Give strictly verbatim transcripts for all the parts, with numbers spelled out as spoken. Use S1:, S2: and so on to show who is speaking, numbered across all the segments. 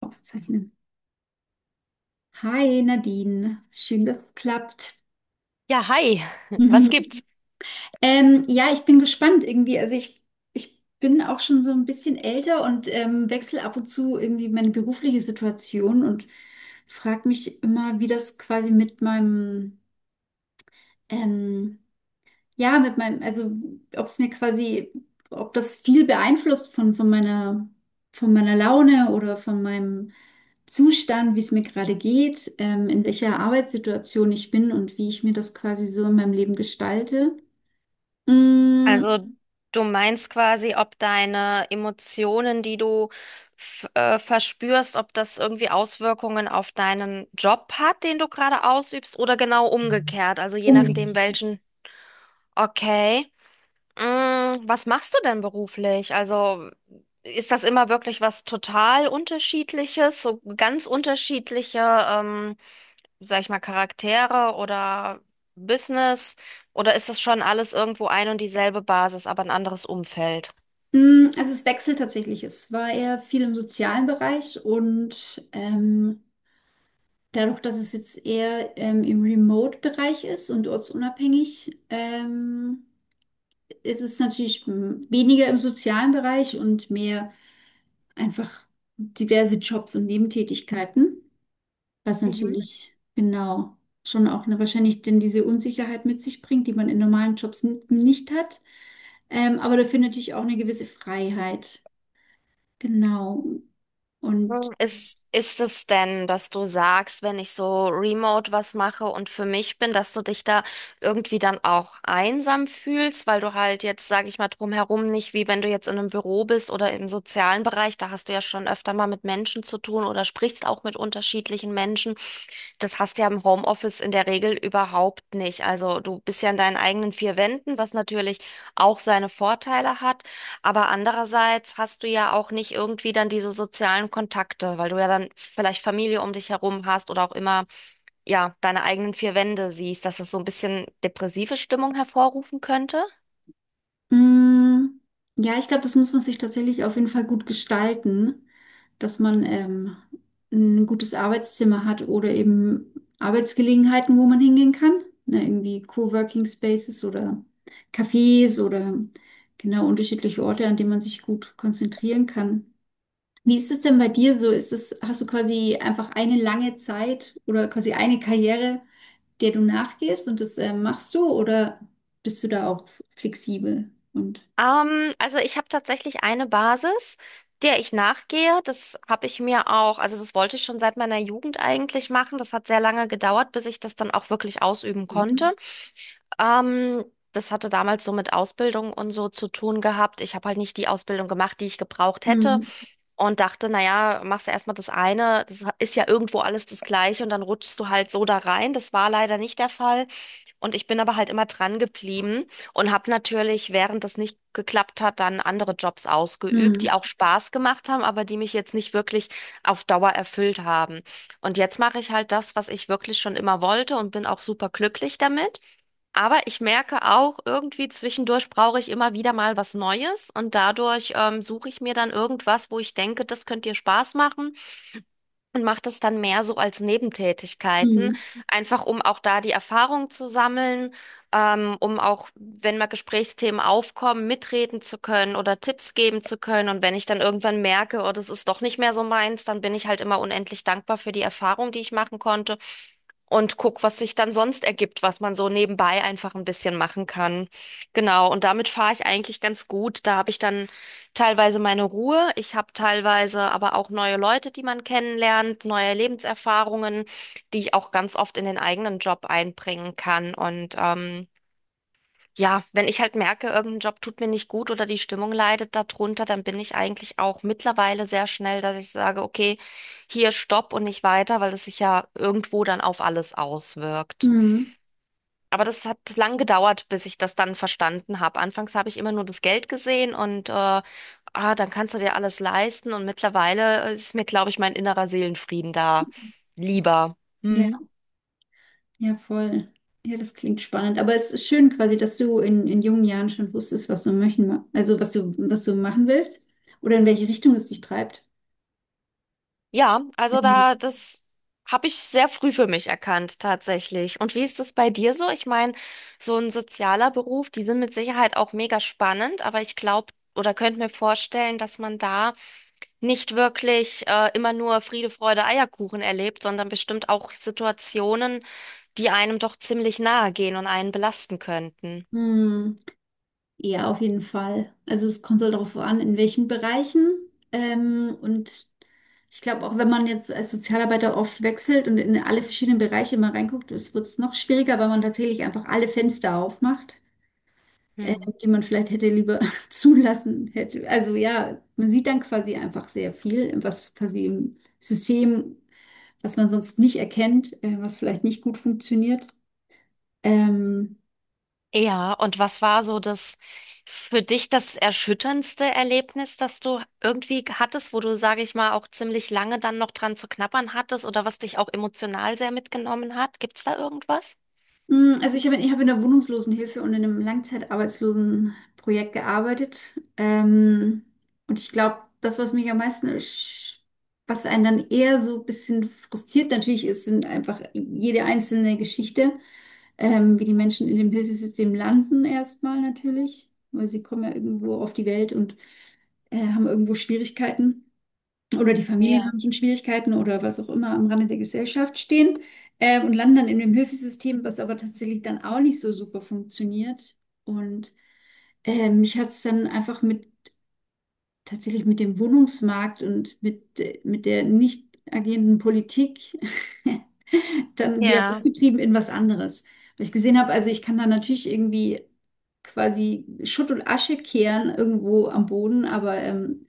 S1: Aufzeichnen. Hi Nadine, schön, dass es klappt.
S2: Ja, hi. Was
S1: Ja.
S2: gibt's?
S1: Ähm, ja, ich bin gespannt irgendwie. Also ich, ich bin auch schon so ein bisschen älter und ähm, wechsle ab und zu irgendwie meine berufliche Situation und frage mich immer, wie das quasi mit meinem ähm, ja, mit meinem, also ob es mir quasi, ob das viel beeinflusst von, von meiner, von meiner Laune oder von meinem Zustand, wie es mir gerade geht, ähm, in welcher Arbeitssituation ich bin und wie ich mir das quasi so in meinem Leben gestalte. Mm,
S2: Also du meinst quasi, ob deine Emotionen, die du f- äh, verspürst, ob das irgendwie Auswirkungen auf deinen Job hat, den du gerade ausübst, oder genau umgekehrt, also je nachdem
S1: unbedingt.
S2: welchen. Okay. Mm, Was machst du denn beruflich? Also ist das immer wirklich was total Unterschiedliches, so ganz unterschiedliche ähm, sag ich mal, Charaktere oder Business? Oder ist das schon alles irgendwo ein und dieselbe Basis, aber ein anderes Umfeld?
S1: Mm, also es wechselt tatsächlich. Es war eher viel im sozialen Bereich und ähm, dadurch, dass es jetzt eher ähm, im Remote-Bereich ist und ortsunabhängig, ähm, es ist natürlich mm, weniger im sozialen Bereich und mehr einfach diverse Jobs und Nebentätigkeiten, was natürlich genau schon auch eine, wahrscheinlich denn diese Unsicherheit mit sich bringt, die man in normalen Jobs n- nicht hat. Ähm, aber dafür natürlich auch eine gewisse Freiheit. Genau. Und
S2: Hm. Ist, ist es denn, dass du sagst, wenn ich so remote was mache und für mich bin, dass du dich da irgendwie dann auch einsam fühlst, weil du halt jetzt, sage ich mal, drumherum nicht, wie wenn du jetzt in einem Büro bist oder im sozialen Bereich, da hast du ja schon öfter mal mit Menschen zu tun oder sprichst auch mit unterschiedlichen Menschen. Das hast du ja im Homeoffice in der Regel überhaupt nicht. Also du bist ja in deinen eigenen vier Wänden, was natürlich auch seine Vorteile hat. Aber andererseits hast du ja auch nicht irgendwie dann diese sozialen Kontakte, weil du ja dann vielleicht Familie um dich herum hast oder auch immer, ja, deine eigenen vier Wände siehst, dass das so ein bisschen depressive Stimmung hervorrufen könnte.
S1: mm, ja, ich glaube, das muss man sich tatsächlich auf jeden Fall gut gestalten, dass man ähm, ein gutes Arbeitszimmer hat oder eben Arbeitsgelegenheiten, wo man hingehen kann. Ne, irgendwie Coworking Spaces oder Cafés oder genau unterschiedliche Orte, an denen man sich gut konzentrieren kann. Wie ist es denn bei dir so? Ist es, hast du quasi einfach eine lange Zeit oder quasi eine Karriere, der du nachgehst und das äh, machst du oder bist du da auch flexibel und
S2: Ähm, also ich habe tatsächlich eine Basis, der ich nachgehe. Das habe ich mir auch, also das wollte ich schon seit meiner Jugend eigentlich machen. Das hat sehr lange gedauert, bis ich das dann auch wirklich ausüben
S1: mhm.
S2: konnte. Ähm, Das hatte damals so mit Ausbildung und so zu tun gehabt. Ich habe halt nicht die Ausbildung gemacht, die ich gebraucht hätte
S1: Mhm.
S2: und dachte, naja, machst du erstmal das eine, das ist ja irgendwo alles das Gleiche und dann rutschst du halt so da rein. Das war leider nicht der Fall. Und ich bin aber halt immer dran geblieben und habe natürlich, während das nicht geklappt hat, dann andere Jobs ausgeübt, die
S1: Mhm.
S2: auch Spaß gemacht haben, aber die mich jetzt nicht wirklich auf Dauer erfüllt haben. Und jetzt mache ich halt das, was ich wirklich schon immer wollte und bin auch super glücklich damit. Aber ich merke auch, irgendwie zwischendurch brauche ich immer wieder mal was Neues und dadurch ähm, suche ich mir dann irgendwas, wo ich denke, das könnte dir Spaß machen und macht es dann mehr so als Nebentätigkeiten,
S1: Mhm.
S2: einfach um auch da die Erfahrung zu sammeln, ähm, um auch, wenn mal Gesprächsthemen aufkommen, mitreden zu können oder Tipps geben zu können. Und wenn ich dann irgendwann merke, oh, das ist doch nicht mehr so meins, dann bin ich halt immer unendlich dankbar für die Erfahrung, die ich machen konnte und guck, was sich dann sonst ergibt, was man so nebenbei einfach ein bisschen machen kann. Genau, und damit fahre ich eigentlich ganz gut. Da habe ich dann teilweise meine Ruhe, ich habe teilweise aber auch neue Leute, die man kennenlernt, neue Lebenserfahrungen, die ich auch ganz oft in den eigenen Job einbringen kann. Und ähm, ja, wenn ich halt merke, irgendein Job tut mir nicht gut oder die Stimmung leidet darunter, dann bin ich eigentlich auch mittlerweile sehr schnell, dass ich sage, okay, hier stopp und nicht weiter, weil es sich ja irgendwo dann auf alles auswirkt.
S1: Mhm.
S2: Aber das hat lang gedauert, bis ich das dann verstanden habe. Anfangs habe ich immer nur das Geld gesehen und äh, ah, dann kannst du dir alles leisten. Und mittlerweile ist mir, glaube ich, mein innerer Seelenfrieden da lieber.
S1: Ja,
S2: Hm.
S1: ja, voll. Ja, das klingt spannend. Aber es ist schön quasi, dass du in, in jungen Jahren schon wusstest, was du möchten, also was du, was du machen willst oder in welche Richtung es dich treibt.
S2: Ja, also
S1: Ähm,
S2: da, das habe ich sehr früh für mich erkannt, tatsächlich. Und wie ist das bei dir so? Ich meine, so ein sozialer Beruf, die sind mit Sicherheit auch mega spannend, aber ich glaube oder könnte mir vorstellen, dass man da nicht wirklich äh, immer nur Friede, Freude, Eierkuchen erlebt, sondern bestimmt auch Situationen, die einem doch ziemlich nahe gehen und einen belasten könnten.
S1: hm, ja, auf jeden Fall. Also es kommt halt darauf an, in welchen Bereichen. Ähm, und ich glaube, auch wenn man jetzt als Sozialarbeiter oft wechselt und in alle verschiedenen Bereiche mal reinguckt, es wird es noch schwieriger, weil man tatsächlich einfach alle Fenster aufmacht. äh,
S2: Hm.
S1: Die man vielleicht hätte lieber zulassen hätte. Also ja, man sieht dann quasi einfach sehr viel, was quasi im System, was man sonst nicht erkennt, äh, was vielleicht nicht gut funktioniert. Ähm,
S2: Ja, und was war so das für dich das erschütterndste Erlebnis, das du irgendwie hattest, wo du, sage ich mal, auch ziemlich lange dann noch dran zu knabbern hattest oder was dich auch emotional sehr mitgenommen hat? Gibt's da irgendwas?
S1: mh, also ich habe ich habe in der Wohnungslosenhilfe und in einem Langzeitarbeitslosenprojekt gearbeitet. Ähm, und ich glaube, das, was mich am meisten, ersch- was einen dann eher so ein bisschen frustriert natürlich ist, sind einfach jede einzelne Geschichte. Ähm, wie die Menschen in dem Hilfesystem landen erstmal natürlich, weil sie kommen ja irgendwo auf die Welt und äh, haben irgendwo Schwierigkeiten oder die Familien
S2: Ja.
S1: haben schon Schwierigkeiten oder was auch immer am Rande der Gesellschaft stehen äh, und landen dann in dem Hilfesystem, was aber tatsächlich dann auch nicht so super funktioniert. Und äh, mich hat es dann einfach mit tatsächlich mit dem Wohnungsmarkt und mit, äh, mit der nicht agierenden Politik dann wieder
S2: Ja,
S1: rausgetrieben in was anderes. Weil ich gesehen habe, also ich kann da natürlich irgendwie quasi Schutt und Asche kehren irgendwo am Boden, aber ähm,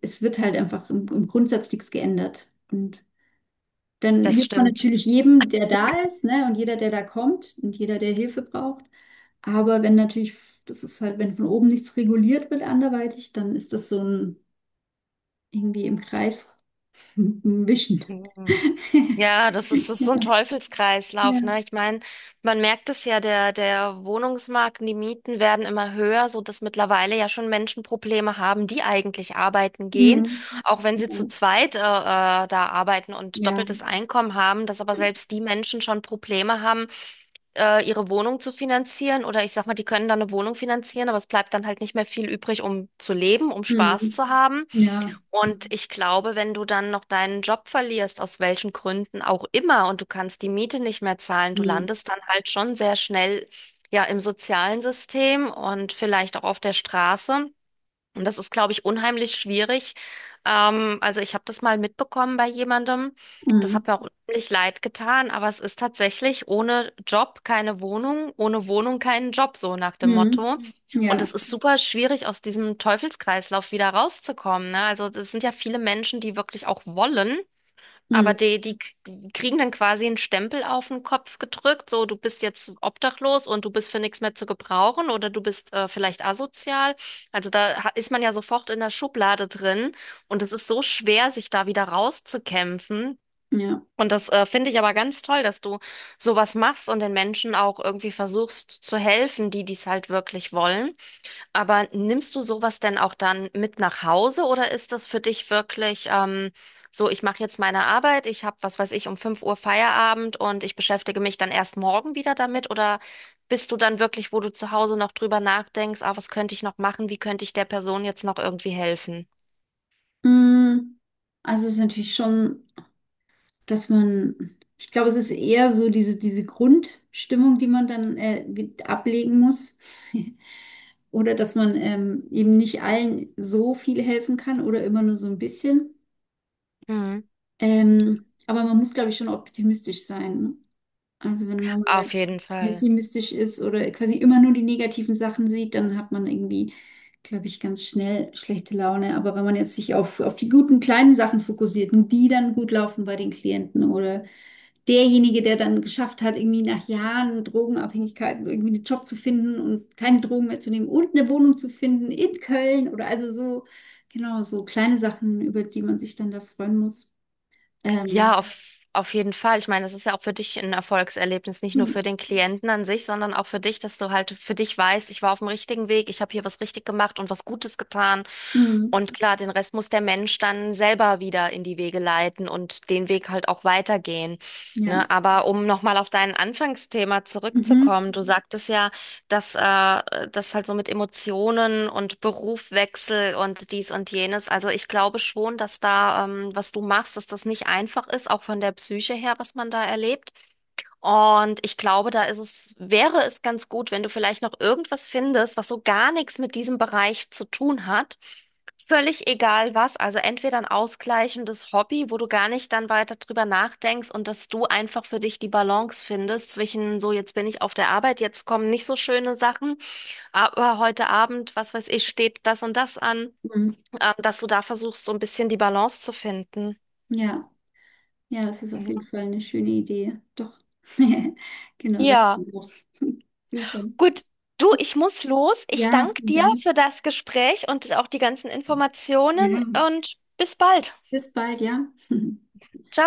S1: es wird halt einfach im, im Grundsatz nichts geändert. Und dann
S2: das
S1: hilft man
S2: stimmt.
S1: natürlich jedem, der da ist, ne, und jeder, der da kommt und jeder, der Hilfe braucht. Aber wenn natürlich, das ist halt, wenn von oben nichts reguliert wird anderweitig, dann ist das so ein irgendwie im Kreis wischen.
S2: Ja, das ist, das ist
S1: Ja,
S2: so ein Teufelskreislauf, ne?
S1: ja.
S2: Ich meine, man merkt es ja, der, der Wohnungsmarkt, und die Mieten werden immer höher, so dass mittlerweile ja schon Menschen Probleme haben, die eigentlich arbeiten gehen,
S1: Mhm.
S2: auch wenn sie zu zweit äh, äh, da arbeiten und
S1: Ja.
S2: doppeltes Einkommen haben, dass aber selbst die Menschen schon Probleme haben, äh, ihre Wohnung zu finanzieren oder ich sag mal, die können dann eine Wohnung finanzieren, aber es bleibt dann halt nicht mehr viel übrig, um zu leben, um Spaß
S1: Mhm.
S2: zu haben.
S1: Ja.
S2: Und ich glaube, wenn du dann noch deinen Job verlierst, aus welchen Gründen auch immer, und du kannst die Miete nicht mehr zahlen, du
S1: Mhm.
S2: landest dann halt schon sehr schnell ja im sozialen System und vielleicht auch auf der Straße. Und das ist, glaube ich, unheimlich schwierig. Ähm, also ich habe das mal mitbekommen bei jemandem. Das hat
S1: Mhm.
S2: mir auch unheimlich leid getan, aber es ist tatsächlich ohne Job keine Wohnung, ohne Wohnung keinen Job, so nach dem
S1: Mhm.
S2: Motto. Und
S1: Ja.
S2: es ist super schwierig, aus diesem Teufelskreislauf wieder rauszukommen, ne? Also es sind ja viele Menschen, die wirklich auch wollen.
S1: Mhm.
S2: Aber die, die k- kriegen dann quasi einen Stempel auf den Kopf gedrückt, so du bist jetzt obdachlos und du bist für nichts mehr zu gebrauchen oder du bist äh, vielleicht asozial. Also da ha- ist man ja sofort in der Schublade drin und es ist so schwer, sich da wieder rauszukämpfen.
S1: Ja.
S2: Und das äh, finde ich aber ganz toll, dass du sowas machst und den Menschen auch irgendwie versuchst zu helfen, die dies halt wirklich wollen. Aber nimmst du sowas denn auch dann mit nach Hause oder ist das für dich wirklich ähm, so, ich mache jetzt meine Arbeit, ich habe, was weiß ich, um fünf Uhr Feierabend und ich beschäftige mich dann erst morgen wieder damit? Oder bist du dann wirklich, wo du zu Hause noch drüber nachdenkst, ah, was könnte ich noch machen, wie könnte ich der Person jetzt noch irgendwie helfen?
S1: Mhm. Also es ist natürlich schon, dass man, ich glaube, es ist eher so diese, diese Grundstimmung, die man dann äh, wie- ablegen muss. Oder dass man ähm, eben nicht allen so viel helfen kann oder immer nur so ein bisschen.
S2: Mhm.
S1: Ähm, aber man muss, glaube ich, schon optimistisch sein, ne? Also wenn man mal
S2: Auf jeden Fall.
S1: pessimistisch ist oder quasi immer nur die negativen Sachen sieht, dann hat man irgendwie, glaube ich, ganz schnell schlechte Laune. Aber wenn man jetzt sich auf, auf die guten kleinen Sachen fokussiert und die dann gut laufen bei den Klienten oder derjenige, der dann geschafft hat, irgendwie nach Jahren Drogenabhängigkeit irgendwie einen Job zu finden und keine Drogen mehr zu nehmen und eine Wohnung zu finden in Köln oder also so, genau, so kleine Sachen, über die man sich dann da freuen muss. Ähm,
S2: Ja, auf, auf jeden Fall. Ich meine, das ist ja auch für dich ein Erfolgserlebnis, nicht nur
S1: hm,
S2: für den Klienten an sich, sondern auch für dich, dass du halt für dich weißt, ich war auf dem richtigen Weg, ich habe hier was richtig gemacht und was Gutes getan.
S1: hm,
S2: Und klar, den Rest muss der Mensch dann selber wieder in die Wege leiten und den Weg halt auch weitergehen.
S1: ja.
S2: Ne? Aber um nochmal auf dein Anfangsthema
S1: Mhm.
S2: zurückzukommen, du sagtest ja, dass äh, das halt so mit Emotionen und Berufwechsel und dies und jenes. Also ich glaube schon, dass da, ähm, was du machst, dass das nicht einfach ist, auch von der Psyche her, was man da erlebt. Und ich glaube, da ist es, wäre es ganz gut, wenn du vielleicht noch irgendwas findest, was so gar nichts mit diesem Bereich zu tun hat. Völlig egal was, also entweder ein ausgleichendes Hobby, wo du gar nicht dann weiter drüber nachdenkst und dass du einfach für dich die Balance findest zwischen so, jetzt bin ich auf der Arbeit, jetzt kommen nicht so schöne Sachen, aber heute Abend, was weiß ich, steht das und das an,
S1: Mhm.
S2: ähm, dass du da versuchst, so ein bisschen die Balance zu finden.
S1: Ja. Ja, das ist auf jeden Fall eine schöne Idee. Doch. Genau, sag
S2: Ja,
S1: mir super.
S2: gut. Du, ich muss los. Ich
S1: Ja,
S2: danke
S1: vielen
S2: dir
S1: Dank.
S2: für das Gespräch und auch die ganzen Informationen
S1: Ja,
S2: und bis bald.
S1: bis bald, ja.
S2: Ciao.